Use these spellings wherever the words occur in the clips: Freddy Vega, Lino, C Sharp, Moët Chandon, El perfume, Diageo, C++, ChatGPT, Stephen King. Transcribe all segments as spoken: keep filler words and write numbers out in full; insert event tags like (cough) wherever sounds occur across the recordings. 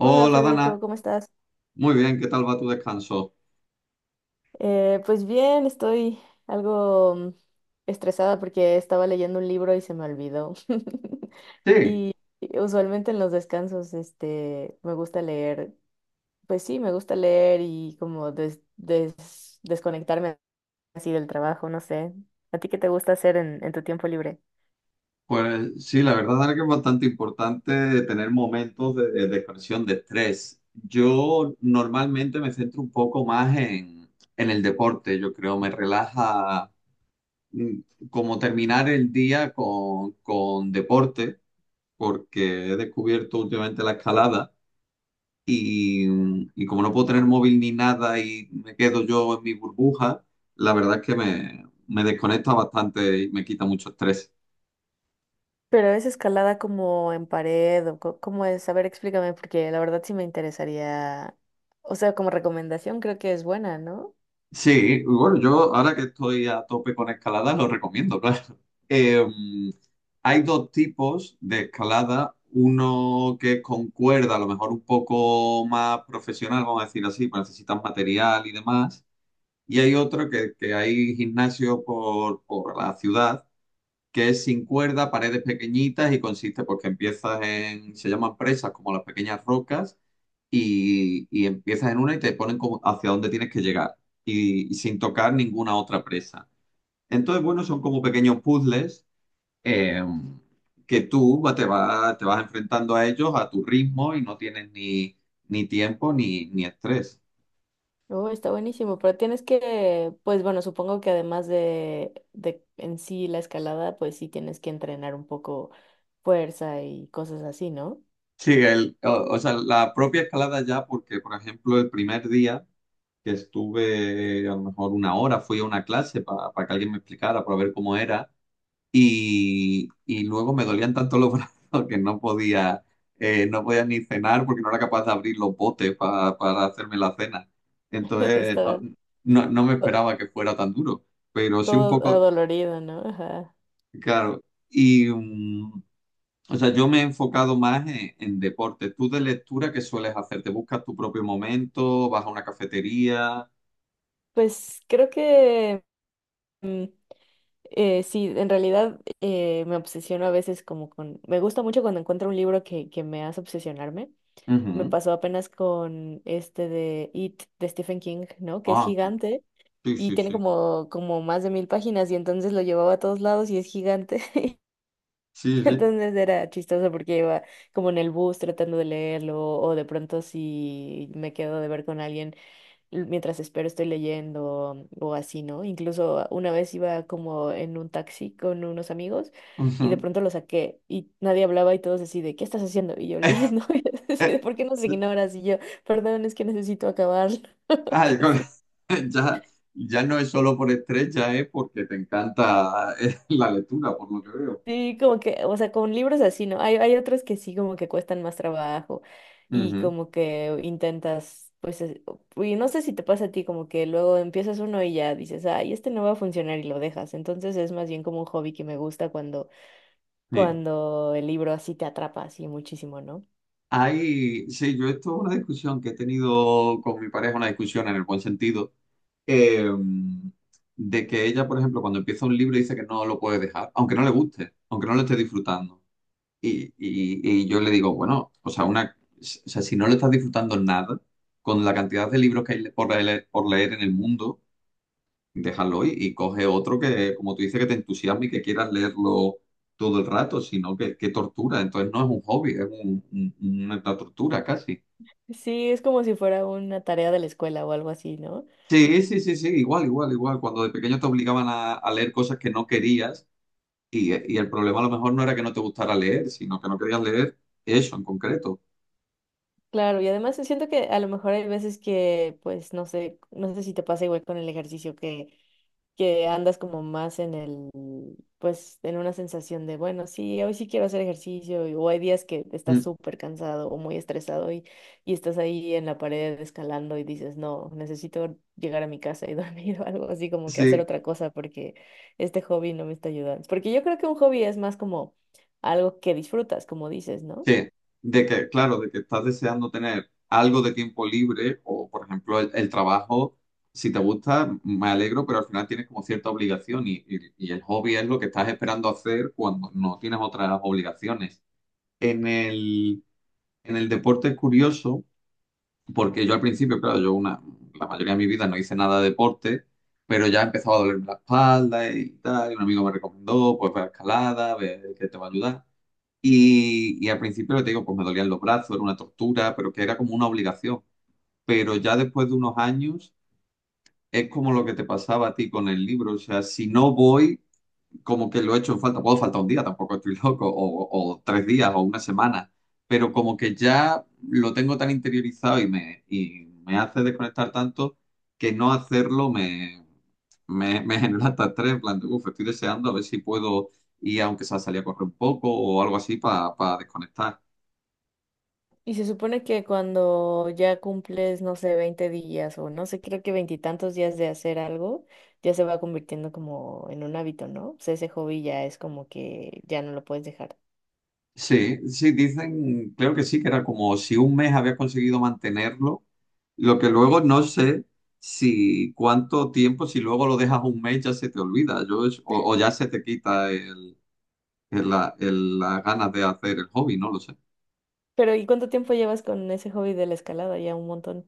Hola Dana, Federico, ¿cómo estás? muy bien, ¿qué tal va tu descanso? Eh, pues bien, estoy algo mm, estresada porque estaba leyendo un libro y se me olvidó. (laughs) Sí, Y usualmente en los descansos, este, me gusta leer, pues sí, me gusta leer y como des- des- desconectarme así del trabajo, no sé. ¿A ti qué te gusta hacer en, en tu tiempo libre? pues sí, la verdad Dana, que es bastante importante tener momentos de, de expresión de estrés. Yo normalmente me centro un poco más en, en el deporte, yo creo, me relaja mm, como terminar el día con, con deporte, porque he descubierto últimamente la escalada. Y, y como no puedo tener móvil ni nada y me quedo yo en mi burbuja, la verdad es que me, me desconecta bastante y me quita mucho estrés. Pero ¿es escalada como en pared o co- cómo es? A ver, explícame, porque la verdad sí me interesaría, o sea, como recomendación creo que es buena, ¿no? Sí, y bueno, yo ahora que estoy a tope con escalada, lo recomiendo, (laughs) claro. Eh, Hay dos tipos de escalada, uno que es con cuerda, a lo mejor un poco más profesional, vamos a decir así, pues necesitas material y demás, y hay otro que, que hay gimnasio por, por la ciudad que es sin cuerda, paredes pequeñitas y consiste porque empiezas en, se llaman presas como las pequeñas rocas y, y empiezas en una y te ponen como hacia dónde tienes que llegar y, y sin tocar ninguna otra presa. Entonces, bueno, son como pequeños puzzles, eh, que tú va- te, va- te vas enfrentando a ellos a tu ritmo y no tienes ni, ni tiempo ni, ni estrés. Oh, está buenísimo, pero tienes que, pues bueno, supongo que además de, de en sí la escalada, pues sí tienes que entrenar un poco fuerza y cosas así, ¿no? Sí, el, o, o sea, la propia escalada ya, porque por ejemplo el primer día que estuve a lo mejor una hora, fui a una clase para que alguien me explicara, para ver cómo era, y, y luego me dolían tanto los (laughs) brazos que no podía, eh, no podía ni cenar porque no era capaz de abrir los botes pa- para hacerme la cena. (laughs) Entonces, no, Está no, no me to- esperaba que fuera tan duro, pero sí un todo poco, adolorido, ¿no? Ajá. claro. y... mm, o sea, yo me he enfocado más en, en deporte. ¿Tú de lectura qué sueles hacer? ¿Te buscas tu propio momento? ¿Vas a una cafetería? Pues creo que mm, eh, sí, en realidad eh, me obsesiono a veces como con, me gusta mucho cuando encuentro un libro que, que me hace obsesionarme. Me Ujú. pasó apenas con este de It de Stephen King, ¿no? Que es Ah, gigante. sí, Y sí, tiene sí. como, como más de mil páginas, y entonces lo llevaba a todos lados y es gigante. (laughs) Sí, sí. Entonces era chistoso porque iba como en el bus tratando de leerlo, o de pronto si me quedo de ver con alguien l- mientras espero estoy leyendo o así, ¿no? Incluso una vez iba como en un taxi con unos amigos (laughs) y de Ujú. pronto lo saqué y nadie hablaba y todos así de: ¿qué estás haciendo? Y yo leyendo, (laughs) y así Eh, de: ¿por qué nos ignoras? Y yo: perdón, es que necesito acabarlo. (laughs) Ay, Y con- así, (laughs) ya, ya no es solo por estrés, ya es porque te encanta, eh, (laughs) la lectura, por lo que veo. sí, como que, o sea, con libros así, ¿no? Hay, hay otros que sí, como que cuestan más trabajo y Ujú. como que intentas, pues, es- y no sé si te pasa a ti, como que luego empiezas uno y ya dices: ay, este no va a funcionar, y lo dejas. Entonces es más bien como un hobby que me gusta cuando, Sí. cuando el libro así te atrapa así muchísimo, ¿no? Hay- sí, yo esto es una discusión que he tenido con mi pareja, una discusión en el buen sentido, eh, de que ella, por ejemplo, cuando empieza un libro dice que no lo puede dejar, aunque no le guste, aunque no lo esté disfrutando. Y, y- y yo le digo, bueno, o sea, una, o sea, si no lo estás disfrutando nada, con la cantidad de libros que hay por leer, por leer en el mundo, déjalo y, y coge otro que, como tú dices, que te entusiasme y que quieras leerlo todo el rato, sino que, que tortura. Entonces no es un hobby, es un- un- una tortura casi. Sí, es como si fuera una tarea de la escuela o algo así, ¿no? Sí, sí, sí, sí, igual, igual, igual. Cuando de pequeño te obligaban a, a leer cosas que no querías y, y el problema a lo mejor no era que no te gustara leer, sino que no querías leer eso en concreto. Claro, y además siento que a lo mejor hay veces que, pues, no sé, no sé si te pasa igual con el ejercicio, que que andas como más en el, pues en una sensación de, bueno, sí, hoy sí quiero hacer ejercicio, y o hay días que estás Mm. súper cansado o muy estresado y, y estás ahí en la pared escalando y dices: no, necesito llegar a mi casa y dormir, (laughs) o algo así, como que hacer Sí, otra cosa porque este hobby no me está ayudando. Porque yo creo que un hobby es más como algo que disfrutas, como dices, ¿no? sí, de que, claro, de que estás deseando tener algo de tiempo libre o, por ejemplo, el, el trabajo, si te gusta, me alegro, pero al final tienes como cierta obligación y, y- y el hobby es lo que estás esperando hacer cuando no tienes otras obligaciones. En el, en el deporte es curioso, porque yo al principio, claro, yo una, la mayoría de mi vida no hice nada de deporte, pero ya empezaba a dolerme la espalda y tal, y un amigo me recomendó, pues ve a escalada, ve que te va a ayudar. Y, y al principio, lo que te digo, pues me dolían los brazos, era una tortura, pero que era como una obligación. Pero ya después de unos años, es como lo que te pasaba a ti con el libro. O sea, si no voy, como que lo he hecho en falta. Puedo faltar un día, tampoco estoy loco, o, o tres días, o una semana. Pero como que ya lo tengo tan interiorizado y me, y me hace desconectar tanto que no hacerlo me, me, me (laughs) genera hasta estrés. En plan, de, "Uf, estoy deseando a ver si puedo ir, aunque sea salir a correr un poco o algo así, para desconectar." Y se supone que cuando ya cumples, no sé, veinte días o no sé, creo que veintitantos días de hacer algo, ya se va convirtiendo como en un hábito, ¿no? O sea, ese hobby ya es como que ya no lo puedes dejar. Sí, sí, dicen, creo que sí, que era como si un mes había conseguido mantenerlo, lo que luego no sé si cuánto tiempo, si luego lo dejas un mes ya se te olvida, yo es- o, o ya se te quita el, el- la, el- las ganas de hacer el hobby, no lo sé. Pero ¿y cuánto tiempo llevas con ese hobby de la escalada? Ya un montón.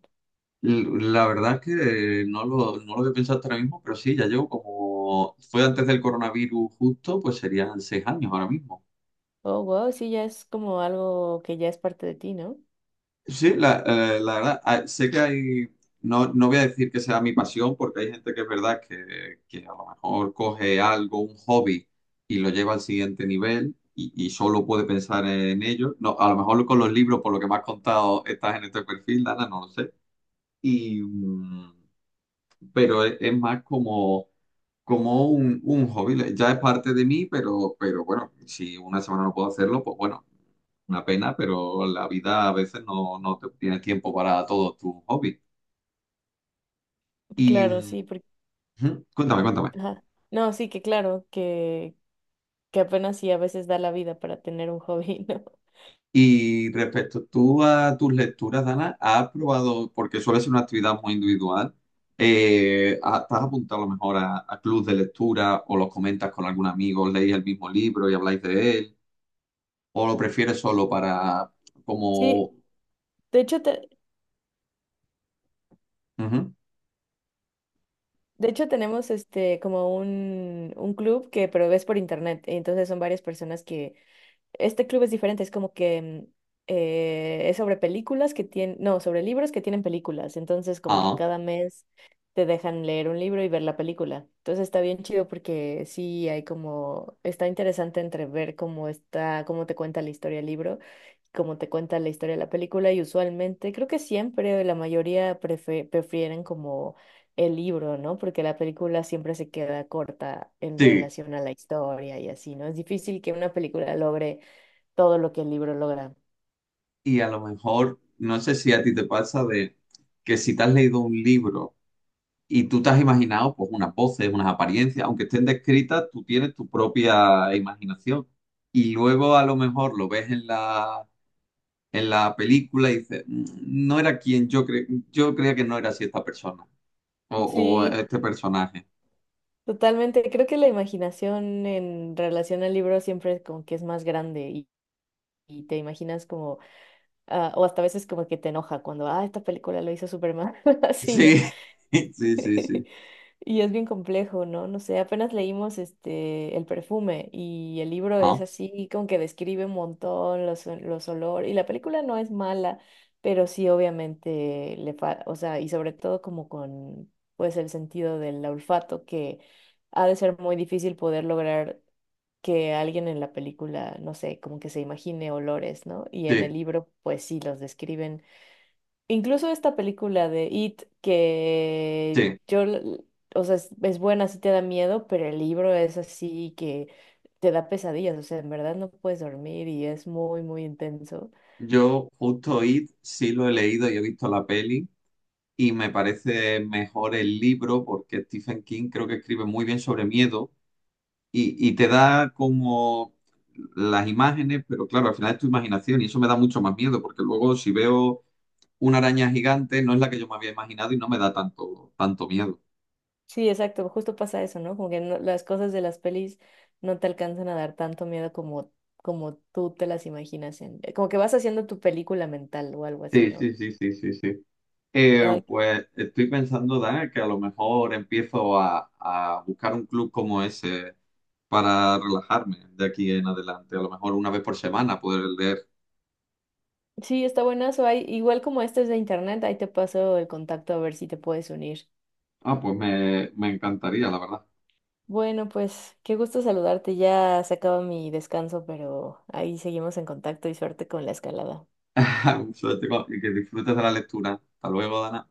L- La verdad es que no lo, no lo había pensado hasta ahora mismo, pero sí, ya llevo como, fue antes del coronavirus justo, pues serían seis años ahora mismo. Oh, wow, sí, ya es como algo que ya es parte de ti, ¿no? Sí, la, eh, la verdad, ah, sé que hay, no, no voy a decir que sea mi pasión, porque hay gente que es verdad que, que a lo mejor coge algo, un hobby, y lo lleva al siguiente nivel y, y solo puede pensar en ello. No, a lo mejor con los libros, por lo que me has contado, estás en este perfil, Dana, no lo sé. Y, mm, pero es, es más como como un, un hobby, ya es parte de mí, pero, pero bueno, si una semana no puedo hacerlo, pues bueno, una pena, pero la vida a veces no, no te tienes tiempo para todos tus hobbies. Y Claro, sí, mm, porque... Ujú, cuéntame, cuéntame. ajá. No, sí, que claro, que, que apenas sí a veces da la vida para tener un hobby, (laughs) ¿no? Y respecto tú a tus lecturas, Dana, ¿has probado, porque suele ser una actividad muy individual, eh, ¿has- ¿te has apuntado a lo mejor a, a, clubs de lectura o los comentas con algún amigo, leéis el mismo libro y habláis de él? ¿O lo prefieres solo para Sí, como... de hecho, te, Ujú. de hecho, tenemos este como un, un club, que pero es por internet. Entonces son varias personas que, este club es diferente, es como que mm, eh, es sobre películas que tienen, no, sobre libros que tienen películas. Entonces, como que Ah, cada mes te dejan leer un libro y ver la película. Entonces está bien chido porque sí hay como, está interesante entre ver cómo está, cómo te cuenta la historia el libro, cómo te cuenta la historia de la película, y usualmente, creo que siempre la mayoría prefe- prefieren como el libro, ¿no? Porque la película siempre se queda corta en sí, relación a la historia y así, ¿no? Es difícil que una película logre todo lo que el libro logra. y a lo mejor, no sé si a ti te pasa de que si te has leído un libro y tú te has imaginado pues unas voces, unas apariencias, aunque estén descritas, tú tienes tu propia imaginación. Y luego a lo mejor lo ves en la, en la película y dices, "Mm, no era quien yo cre yo creía que no era así esta persona o, o Sí, este personaje." totalmente. Creo que la imaginación en relación al libro siempre es como que es más grande y, y te imaginas como, ah, o hasta a veces como que te enoja cuando, ah, esta película lo hizo Superman, (laughs) así, ¿no? Sí, (laughs) sí, sí, (laughs) sí. Y es bien complejo, ¿no? No sé, apenas leímos este El perfume y el libro es Ah, así como que describe un montón los, ol- los olores, y la película no es mala, pero sí obviamente le falta, o sea, y sobre todo como con pues el sentido del olfato, que ha de ser muy difícil poder lograr que alguien en la película, no sé, como que se imagine olores, ¿no? Y en sí, el libro pues sí los describen. Incluso esta película de It, que sí. yo, l- o sea, es, es buena, sí te da miedo, pero el libro es así que te da pesadillas, o sea, en verdad no puedes dormir y es muy, muy intenso. Yo justo It sí lo he leído y he visto la peli. Y me parece mejor el libro porque Stephen King creo que escribe muy bien sobre miedo y, y te da como las imágenes, pero claro, al final es tu imaginación y eso me da mucho más miedo porque luego si veo una araña gigante no es la que yo me había imaginado y no me da tanto, tanto miedo. Sí, exacto, justo pasa eso, ¿no? Como que no- las cosas de las pelis no te alcanzan a dar tanto miedo como, como tú te las imaginas, en, como que vas haciendo tu película mental o algo así, Sí, ¿no? sí, sí, sí, sí, sí. Ay, Eh, pues estoy pensando, Dana, que a lo mejor empiezo a, a buscar un club como ese para relajarme de aquí en adelante. A lo mejor una vez por semana poder leer. sí, está buenazo. Hay, igual como este es de internet, ahí te paso el contacto a ver si te puedes unir. Ah, pues me, me encantaría, la verdad. Bueno, pues qué gusto saludarte. Ya se acaba mi descanso, pero ahí seguimos en contacto y suerte con la escalada. (laughs) Suerte con- y que disfrutes de la lectura. Hasta luego, Dana.